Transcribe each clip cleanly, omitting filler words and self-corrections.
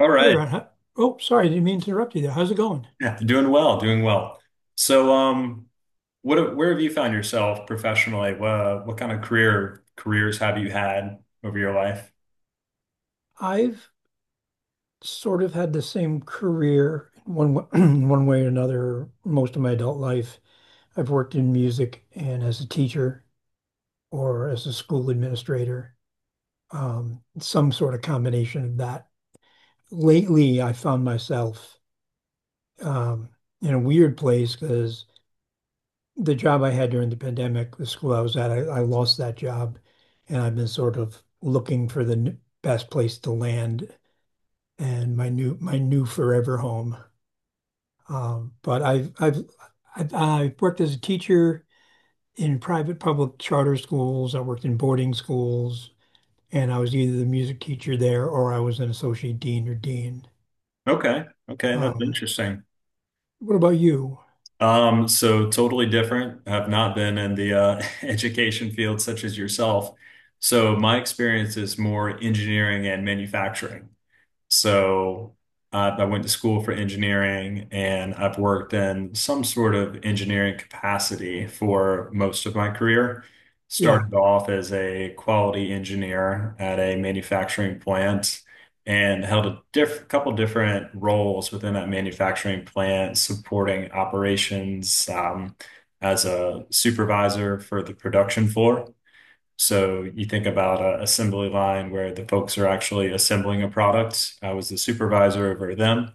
All Hey right. Ron, I didn't mean to interrupt you there. How's it going? Yeah, doing well, doing well. So, um, what where have you found yourself professionally? What kind of careers have you had over your life? I've sort of had the same career in one w- in one way or another most of my adult life. I've worked in music and as a teacher or as a school administrator, some sort of combination of that. Lately, I found myself um, in a weird place because the job I had during the pandemic, the school I was at, I lost that job, and I've been sort of looking for the best place to land and my new forever home. But I've worked as a teacher in private public charter schools. I worked in boarding schools, and I was either the music teacher there or I was an associate dean or dean. Okay, okay, that's Um, interesting. what about you? So totally different. Have not been in the education field such as yourself. So my experience is more engineering and manufacturing. So I went to school for engineering, and I've worked in some sort of engineering capacity for most of my career. Yeah, Started off as a quality engineer at a manufacturing plant and held a diff couple different roles within that manufacturing plant, supporting operations as a supervisor for the production floor. So you think about an assembly line where the folks are actually assembling a product. I was the supervisor over them,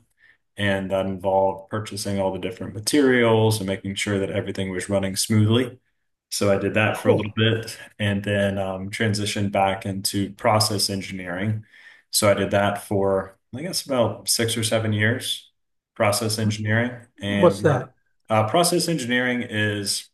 and that involved purchasing all the different materials and making sure that everything was running smoothly. So I did that for a cool. little bit, and then transitioned back into process engineering. So I did that for, I guess, about 6 or 7 years, process engineering. What's that? Process engineering is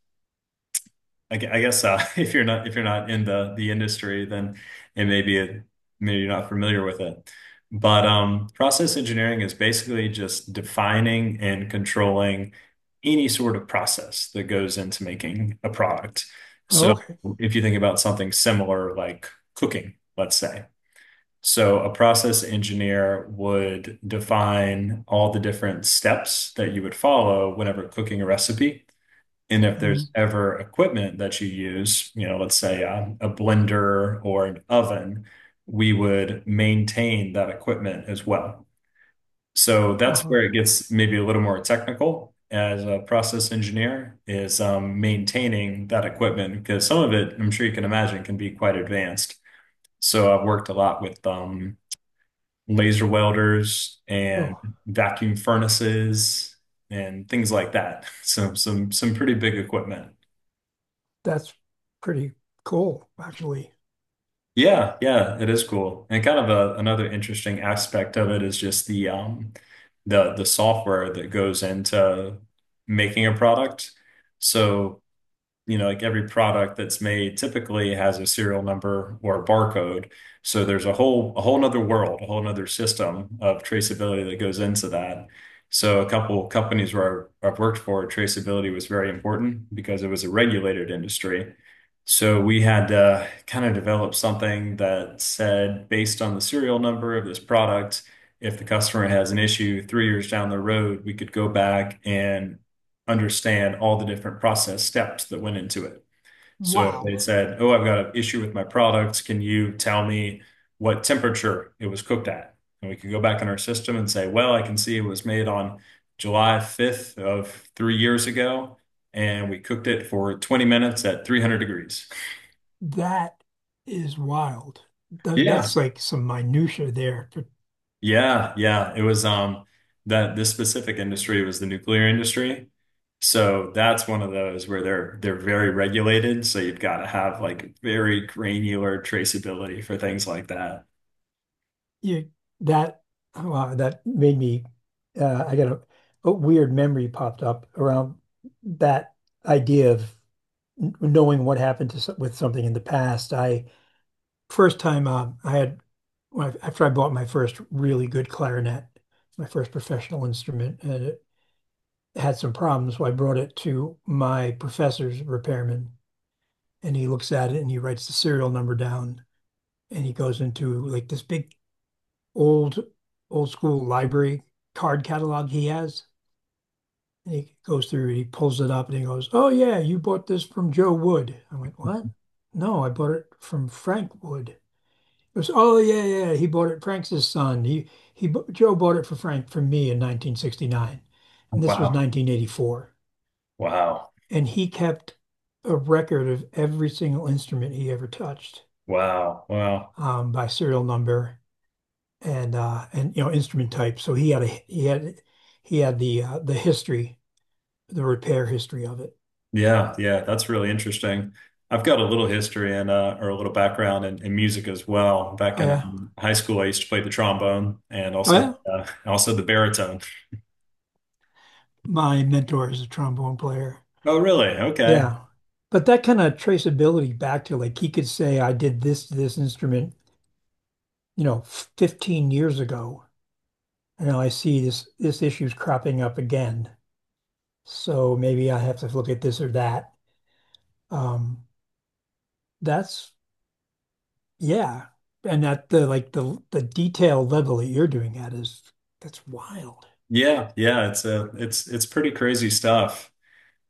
I guess, if you're not in the industry, then it may be a, maybe you're not familiar with it. But process engineering is basically just defining and controlling any sort of process that goes into making a product. Oh, So okay. if you think about something similar, like cooking, let's say. So a process engineer would define all the different steps that you would follow whenever cooking a recipe. And if Mm, there's ever equipment that you use, you know, let's say a blender or an oven, we would maintain that equipment as well. So oh, that's all where right. it gets maybe a little more technical as a process engineer, is maintaining that equipment because some of it, I'm sure you can imagine, can be quite advanced. So I've worked a lot with laser welders and Oh, vacuum furnaces and things like that. So some pretty big equipment. that's pretty cool, actually. Yeah, yeah, it is cool. And kind of a, another interesting aspect of it is just the software that goes into making a product. So you know, like every product that's made typically has a serial number or a barcode. So there's a whole nother world, a whole nother system of traceability that goes into that. So a couple companies where I've worked for, traceability was very important because it was a regulated industry. So we had to kind of develop something that said, based on the serial number of this product, if the customer has an issue 3 years down the road, we could go back and understand all the different process steps that went into it. So if they Wow, said, "Oh, I've got an issue with my product. Can you tell me what temperature it was cooked at?" And we could go back in our system and say, "Well, I can see it was made on July 5th of 3 years ago, and we cooked it for 20 minutes at 300 degrees." that is wild. Th- that's Yeah. like some minutia there for Yeah, yeah. It was that this specific industry was the nuclear industry. So that's one of those where they're very regulated, so you've got to have like very granular traceability for things like that. you. That wow, that made me I got a weird memory popped up around that idea of knowing what happened to with something in the past. I first time I had when I, after I bought my first really good clarinet, my first professional instrument, and it had some problems, so I brought it to my professor's repairman, and he looks at it and he writes the serial number down, and he goes into like this big old old school library card catalog he has. And he goes through and he pulls it up and he goes, "Oh yeah, you bought this from Joe Wood." I went, "What? No, I bought it from Frank Wood." He goes, "Oh yeah, yeah, he bought it. Frank's his son. He Joe bought it for Frank from me in 1969, and this was Wow. 1984." Wow. And he kept a record of every single instrument he ever touched, Wow. Wow. By serial number and you know, instrument type. So he had a he had the history, the repair history of it. Yeah, yeah, that's really interesting. I've got a little history and or a little background in music as well. Back Oh, in yeah. High school, I used to play the trombone and Oh, also yeah. Also the baritone. My mentor is a trombone player. Oh, really? Okay. Yeah. But that kind of traceability, back to like he could say I did this to this instrument, you know, 15 years ago. And now I see this issue's cropping up again. So maybe I have to look at this or that. Um that's Yeah. And at the like the detail level that you're doing at is, that's wild. Yeah, yeah, it's a it's pretty crazy stuff.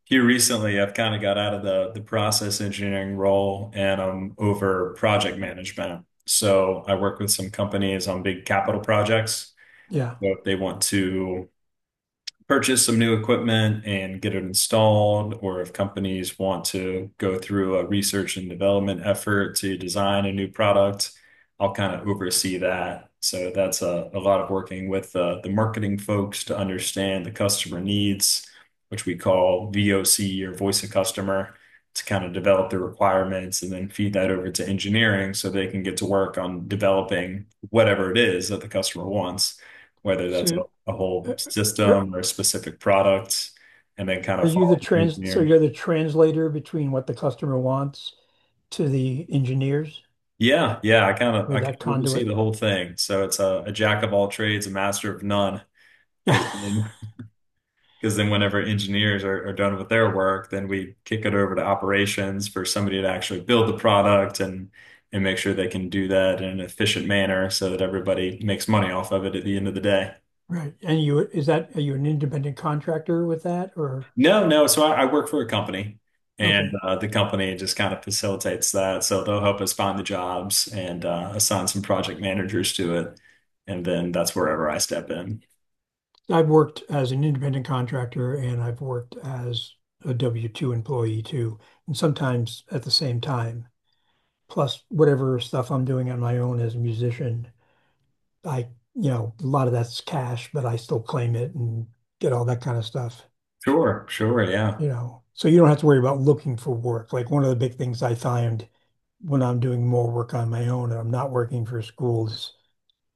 Here recently, I've kind of got out of the process engineering role, and I'm over project management. So I work with some companies on big capital projects. Yeah. So if they want to purchase some new equipment and get it installed, or if companies want to go through a research and development effort to design a new product, I'll kind of oversee that. So that's a lot of working with the marketing folks to understand the customer needs, which we call VOC, or voice of customer, to kind of develop the requirements and then feed that over to engineering so they can get to work on developing whatever it is that the customer wants, whether that's So a uh, whole uh, are system or a specific product, and then kind are of you the follow the trans so engineers. you're the translator between what the customer wants to the engineers? Yeah, yeah, You're I kind that of oversee the conduit. whole thing. So it's a jack of all trades, a master of none, because then because then whenever engineers are done with their work, then we kick it over to operations for somebody to actually build the product and make sure they can do that in an efficient manner so that everybody makes money off of it at the end of the day. Right. And you is that are you an independent contractor with that or No, no. So I work for a company, and okay. The company just kind of facilitates that. So they'll help us find the jobs and assign some project managers to it, and then that's wherever I step in. I've worked as an independent contractor and I've worked as a W-2 employee too, and sometimes at the same time. Plus whatever stuff I'm doing on my own as a musician. I, you know, a lot of that's cash, but I still claim it and get all that kind of stuff, Sure, sure, yeah, you know. So you don't have to worry about looking for work. Like one of the big things I find when I'm doing more work on my own and I'm not working for schools,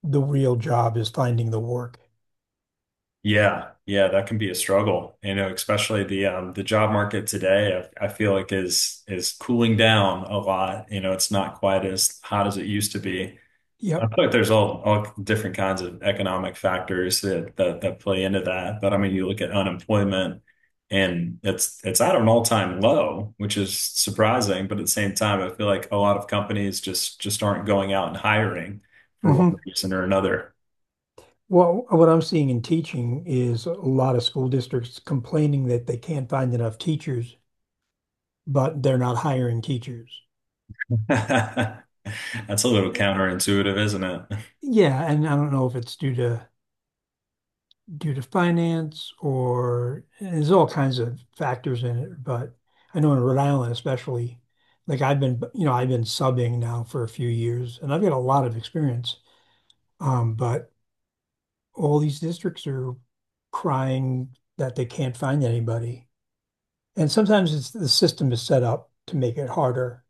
the real job is finding the work. yeah, yeah. That can be a struggle, you know, especially the job market today. I feel like is cooling down a lot. You know, it's not quite as hot as it used to be. I Yep. feel like there's all different kinds of economic factors that that play into that. But I mean, you look at unemployment, and it's at an all-time low, which is surprising. But at the same time, I feel like a lot of companies just aren't going out and hiring for one Hmm. reason or another. Well, what I'm seeing in teaching is a lot of school districts complaining that they can't find enough teachers, but they're not hiring teachers. That's a little counterintuitive, isn't it? Yeah, and I don't know if it's due to finance or, and there's all kinds of factors in it, but I know in Rhode Island especially, like I've been, you know, I've been subbing now for a few years and I've got a lot of experience. But all these districts are crying that they can't find anybody. And sometimes it's the system is set up to make it harder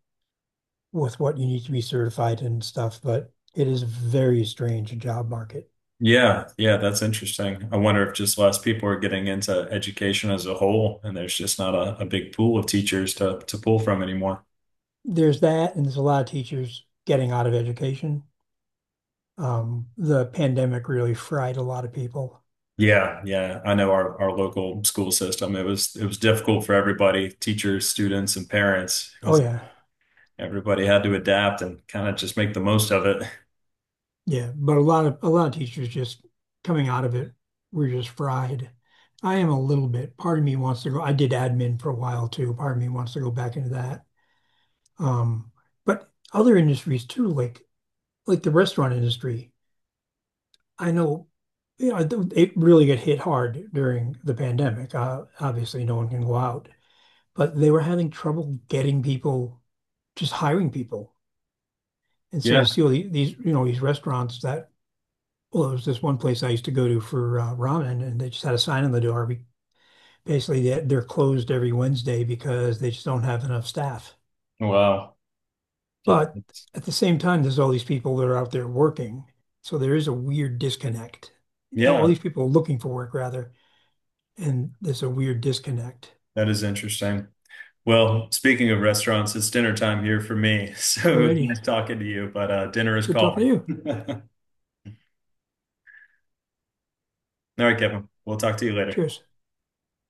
with what you need to be certified and stuff, but it is very strange job market. Yeah, yeah, that's interesting. I wonder if just less people are getting into education as a whole, and there's just not a, a big pool of teachers to pull from anymore. There's that, and there's a lot of teachers getting out of education. The pandemic really fried a lot of people. Yeah, yeah. I know our local school system. It was difficult for everybody, teachers, students, and parents. It Oh was yeah, everybody had to adapt and kind of just make the most of it. yeah. But a lot of teachers just coming out of it were just fried. I am a little bit. Part of me wants to go. I did admin for a while too. Part of me wants to go back into that. Um, but other industries too, like the restaurant industry. I know, you know, it really got hit hard during the pandemic. Obviously, no one can go out, but they were having trouble getting people, just hiring people. And so you Yeah. see all these, you know, these restaurants that, well, there was this one place I used to go to for ramen, and they just had a sign on the door. We, basically, they're closed every Wednesday because they just don't have enough staff. Wow. Yeah. But that's- at the same time, there's all these people that are out there working. So there is a weird disconnect. All Yeah, these people are looking for work, rather, and there's a weird disconnect. that is interesting. Well, speaking of restaurants, it's dinner time here for me. So it was Alrighty. nice talking to you, but dinner is Good talking calling. to you. All right, Kevin. We'll talk to you later. Cheers.